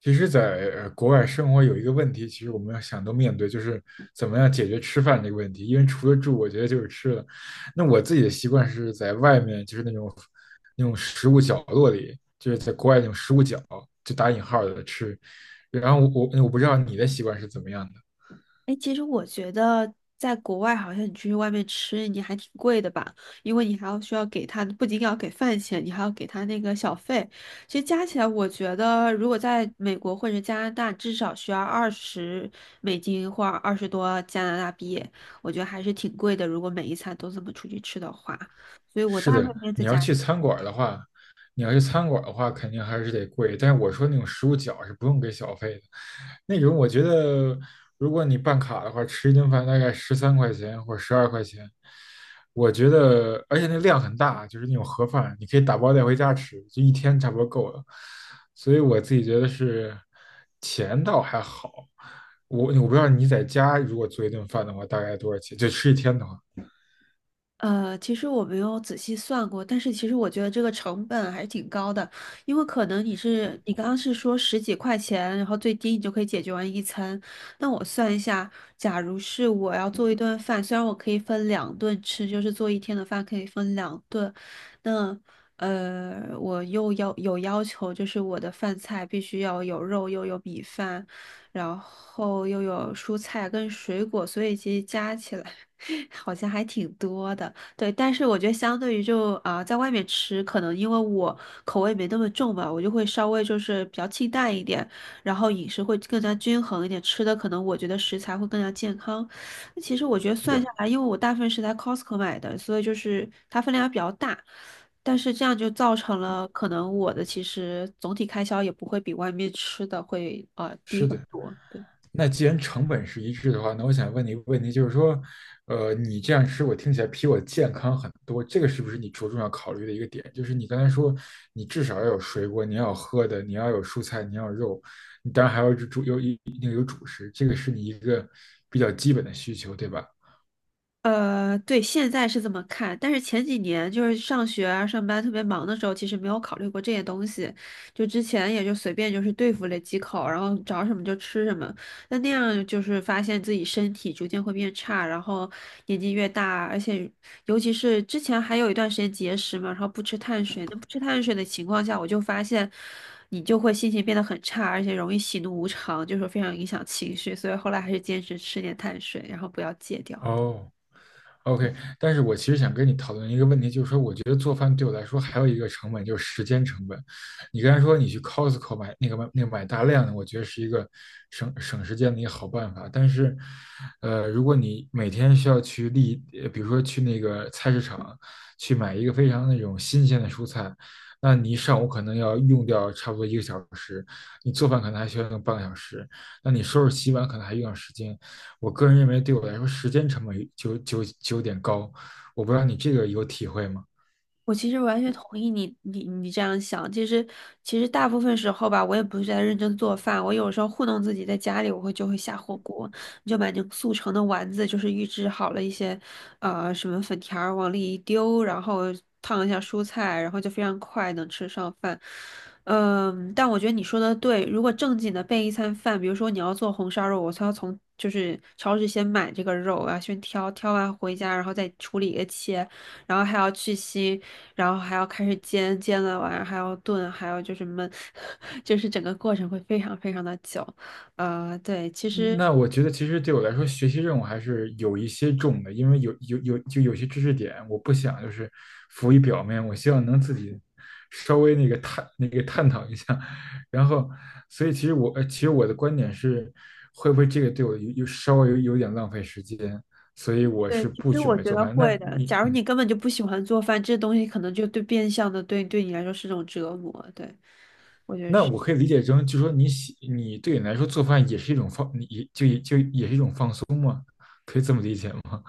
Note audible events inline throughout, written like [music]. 其实在，国外生活有一个问题，其实我们要想都面对，就是怎么样解决吃饭这个问题。因为除了住，我觉得就是吃了。那我自己的习惯是在外面，就是那种食物角落里，就是在国外那种食物角，就打引号的吃。然后我不知道你的习惯是怎么样的。哎，其实我觉得在国外，好像你出去外面吃，你还挺贵的吧？因为你还要需要给他，不仅要给饭钱，你还要给他那个小费。其实加起来，我觉得如果在美国或者加拿大，至少需要20美金或20多加拿大币，我觉得还是挺贵的。如果每一餐都这么出去吃的话，所以我是大部分的，时间在家。你要去餐馆儿的话，肯定还是得贵。但是我说那种食物角是不用给小费的，那种我觉得，如果你办卡的话，吃一顿饭大概13块钱或者12块钱，我觉得，而且那量很大，就是那种盒饭，你可以打包带回家吃，就一天差不多够了。所以我自己觉得是钱倒还好，我不知道你在家如果做一顿饭的话，大概多少钱？就吃一天的话，其实我没有仔细算过，但是其实我觉得这个成本还是挺高的，因为可能你刚刚是说十几块钱，然后最低你就可以解决完一餐。那我算一下，假如是我要做一顿饭，虽然我可以分两顿吃，就是做一天的饭可以分两顿，那我又要有要求，就是我的饭菜必须要有肉，又有米饭，然后又有蔬菜跟水果，所以其实加起来。[laughs] 好像还挺多的，对，但是我觉得相对于就啊、在外面吃，可能因为我口味没那么重吧，我就会稍微就是比较清淡一点，然后饮食会更加均衡一点，吃的可能我觉得食材会更加健康。那其实我觉得是算下的，来，因为我大部分是在 Costco 买的，所以就是它分量比较大，但是这样就造成了可能我的其实总体开销也不会比外面吃的会低是很的。多。对。那既然成本是一致的话，那我想问你一个问题，就是说，你这样吃，我听起来比我健康很多，这个是不是你着重要考虑的一个点？就是你刚才说，你至少要有水果，你要有喝的，你要有蔬菜，你要有肉，你当然还要有主食，这个是你一个比较基本的需求，对吧？对，现在是这么看，但是前几年就是上学啊、上班特别忙的时候，其实没有考虑过这些东西，就之前也就随便就是对付了几口，然后找什么就吃什么。那样就是发现自己身体逐渐会变差，然后年纪越大，而且尤其是之前还有一段时间节食嘛，然后不吃碳水，那不吃碳水的情况下，我就发现你就会心情变得很差，而且容易喜怒无常，就是非常影响情绪，所以后来还是坚持吃点碳水，然后不要戒掉。哦，OK，但是我其实想跟你讨论一个问题，就是说，我觉得做饭对我来说还有一个成本，就是时间成本。你刚才说你去 Costco 买那个买那个买大量的，我觉得是一个省时间的一个好办法。但是，如果你每天需要比如说去那个菜市场去买一个非常那种新鲜的蔬菜，那你一上午可能要用掉差不多一个小时，你做饭可能还需要用半个小时，那你收拾洗碗可能还用上时间。我个人认为对我来说时间成本就有点高，我不知道你这个有体会吗？我其实完全同意你，你这样想。其实，其实大部分时候吧，我也不是在认真做饭。我有时候糊弄自己，在家里我会就会下火锅，你就买那种速成的丸子，就是预制好了一些，什么粉条儿往里一丢，然后烫一下蔬菜，然后就非常快能吃上饭。嗯，但我觉得你说的对。如果正经的备一餐饭，比如说你要做红烧肉，我才要从就是超市先买这个肉，我要先挑，挑完回家，然后再处理切。然后还要去腥，然后还要开始煎，煎了完还要炖，还要就是焖，[laughs] 就是整个过程会非常非常的久。对，其嗯，实那我觉得其实对我来说，学习任务还是有一些重的，因为有些知识点，我不想就是浮于表面，我希望能自己稍微那个探那个探讨一下，然后，所以其实我的观点是，会不会这个对我稍微有点浪费时间，所以我对，是其不实准我备觉做得饭。那会的。你假如嗯。你根本就不喜欢做饭，这东西可能就对变相的对你来说是种折磨。对，我觉得那是。我可以理解成，就说你对你来说做饭也是一种放，你也就也是一种放松嘛，可以这么理解吗？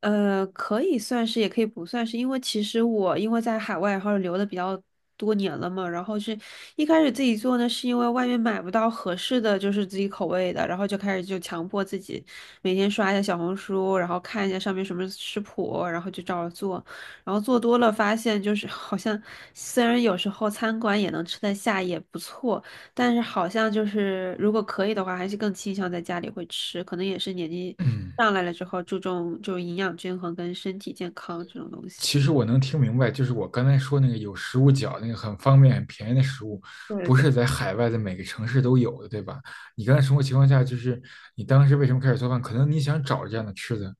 可以算是，也可以不算是，因为其实我因为在海外，然后留的比较多年了嘛，然后是一开始自己做呢，是因为外面买不到合适的，就是自己口味的，然后就开始就强迫自己每天刷一下小红书，然后看一下上面什么食谱，然后就照着做，然后做多了发现就是好像虽然有时候餐馆也能吃得下，也不错，但是好像就是如果可以的话，还是更倾向在家里会吃，可能也是年纪。嗯，上来了之后注重就营养均衡跟身体健康这种东西。其实我能听明白，就是我刚才说那个有食物角那个很方便、很便宜的食物，对对不是对，在海外的每个城市都有的，对吧？你刚才生活情况下，就是你当时为什么开始做饭？可能你想找这样的吃的，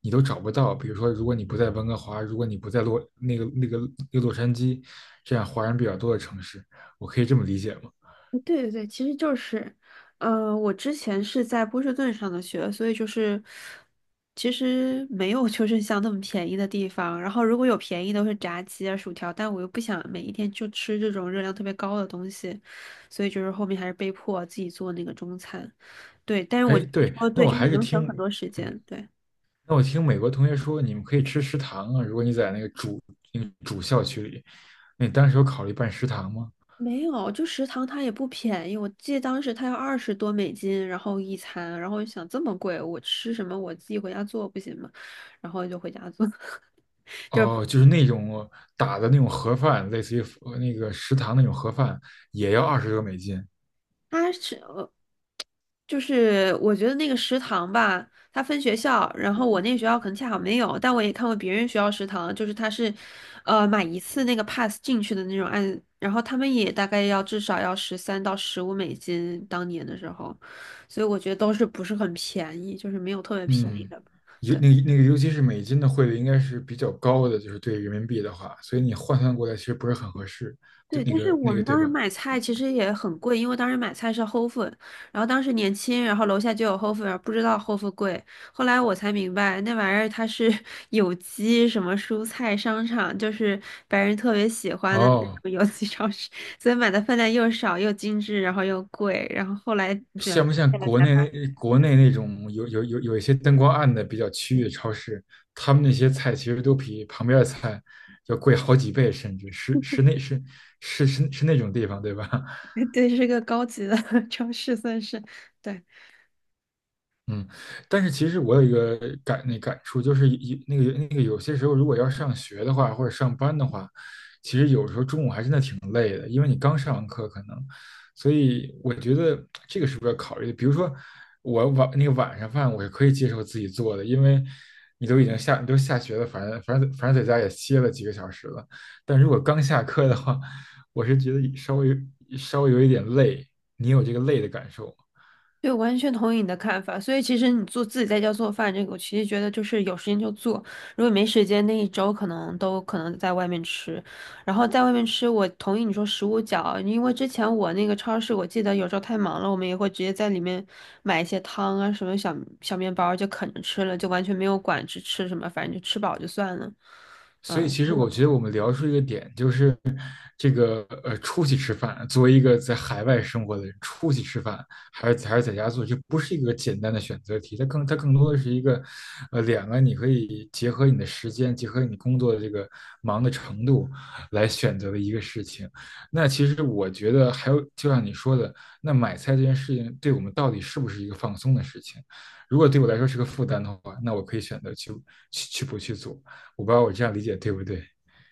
你都找不到。比如说，如果你不在温哥华，如果你不在洛那个那个那个洛杉矶这样华人比较多的城市，我可以这么理解吗？对对对其实就是，我之前是在波士顿上的学，所以就是，其实没有就是像那么便宜的地方。然后如果有便宜都是炸鸡啊、薯条，但我又不想每一天就吃这种热量特别高的东西，所以就是后面还是被迫自己做那个中餐。对，但是我哎，你对，说的那对，我就还是是能省听，很嗯。多时间。对。那我听美国同学说，你们可以吃食堂啊。如果你在那个主校区里，那你当时有考虑办食堂吗？没有，就食堂它也不便宜，我记得当时它要20多美金，然后一餐，然后就想这么贵，我吃什么？我自己回家做不行吗？然后就回家做。[laughs] 哦，就是那种打的那种盒饭，类似于那个食堂那种盒饭，也要20多美金。它是，就是我觉得那个食堂吧，它分学校，然后我那个学校可能恰好没有，但我也看过别人学校食堂，就是它是，买一次那个 pass 进去的那种按，然后他们也大概要至少要13到15美金，当年的时候，所以我觉得都是不是很便宜，就是没有特别便宜嗯。的，尤对。那个那个，尤其是美金的汇率应该是比较高的，就是对人民币的话，所以你换算过来其实不是很合适，对对，但是我们对当时吧？买菜其实也很贵，因为当时买菜是 Whole Food，然后当时年轻，然后楼下就有 Whole Food，然后不知道 Whole Food 贵。后来我才明白，那玩意儿它是 [laughs] 有机什么蔬菜商场，就是白人特别喜欢的那哦，种有机超市，所以买的分量又少又精致，然后又贵。然后后来明白像不像了国才发内那种有一些灯光暗的比较区域的超市，他们那些菜其实都比旁边的菜要贵好几倍，甚至是是那是是是是那种地方，对吧？现，[laughs] 对，是个高级的 [laughs] 超市，算是对。嗯，但是其实我有一个感触，就是一那个那个有些时候，如果要上学的话，或者上班的话，其实有时候中午还真的挺累的，因为你刚上完课可能，所以我觉得这个是不是要考虑的。比如说我晚那个晚上饭我是可以接受自己做的，因为你都下学了，反正在家也歇了几个小时了，但如果刚下课的话，我是觉得稍微有一点累，你有这个累的感受吗？对，我完全同意你的看法。所以其实你做自己在家做饭这个，我其实觉得就是有时间就做，如果没时间，那一周可能都可能在外面吃。然后在外面吃，我同意你说食物角，因为之前我那个超市，我记得有时候太忙了，我们也会直接在里面买一些汤啊，什么小小面包就啃着吃了，就完全没有管吃什么，反正就吃饱就算了。嗯，所以，其实我嗯觉得我们聊出一个点，就是这个出去吃饭，作为一个在海外生活的人，出去吃饭还是在家做，这不是一个简单的选择题，它更多的是一个，两个你可以结合你的时间，结合你工作的这个忙的程度来选择的一个事情。那其实我觉得还有，就像你说的，那买菜这件事情对我们到底是不是一个放松的事情？如果对我来说是个负担的话，那我可以选择去去去不去做。我不知道我这样理解对不对？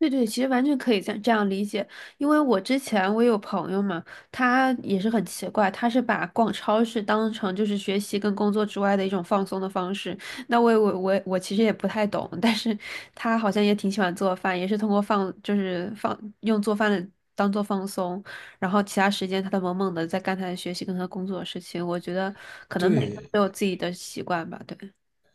对对，其实完全可以这样理解，因为我之前我有朋友嘛，他也是很奇怪，他是把逛超市当成就是学习跟工作之外的一种放松的方式。那我其实也不太懂，但是他好像也挺喜欢做饭，也是通过放就是放用做饭的当做放松，然后其他时间他都萌萌的在干他的学习跟他工作的事情。我觉得可能每个人对，都有自己的习惯吧，对。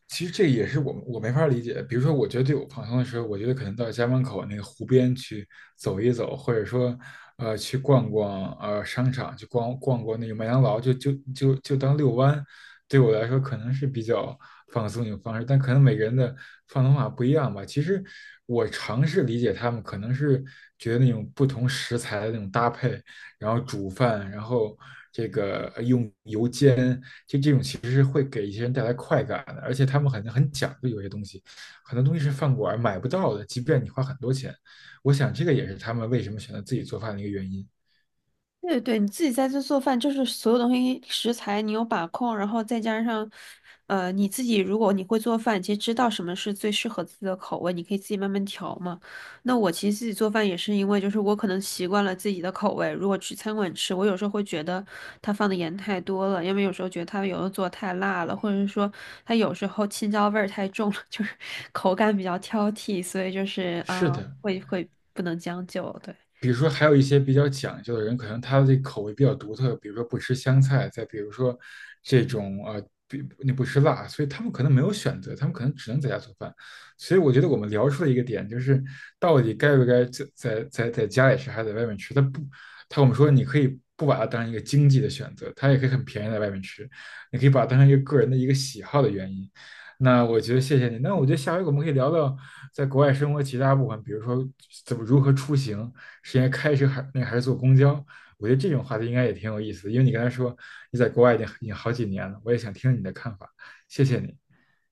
其实这个也是我没法理解。比如说，我觉得对我放松的时候，我觉得可能到家门口那个湖边去走一走，或者说，去逛逛商场，去逛逛那个麦当劳，就当遛弯，对我来说可能是比较放松一种方式。但可能每个人的放松法不一样吧。其实我尝试理解他们，可能是觉得那种不同食材的那种搭配，然后煮饭，然后这个用油煎，就这种其实是会给一些人带来快感的，而且他们很讲究，有些东西，很多东西是饭馆买不到的，即便你花很多钱。我想这个也是他们为什么选择自己做饭的一个原因。对对，你自己在这做饭，就是所有东西食材你有把控，然后再加上，你自己如果你会做饭，其实知道什么是最适合自己的口味，你可以自己慢慢调嘛。那我其实自己做饭也是因为，就是我可能习惯了自己的口味，如果去餐馆吃，我有时候会觉得他放的盐太多了，因为有时候觉得他有的做太辣了，或者是说他有时候青椒味儿太重了，[laughs] 就是口感比较挑剔，所以就是啊，是的，会会不能将就，对。比如说，还有一些比较讲究的人，可能他的口味比较独特，比如说不吃香菜，再比如说这种呃，比你不吃辣，所以他们可能没有选择，他们可能只能在家做饭。所以我觉得我们聊出了一个点，就是到底该不该在家里吃，还是在外面吃？他不，他我们说你可以不把它当成一个经济的选择，它也可以很便宜在外面吃，你可以把它当成一个个人的一个喜好的原因。那我觉得谢谢你，那我觉得下回我们可以聊聊在国外生活其他部分，比如说怎么如何出行，是应该开车还是坐公交？我觉得这种话题应该也挺有意思的，因为你刚才说你在国外已经好几年了，我也想听听你的看法，谢谢你。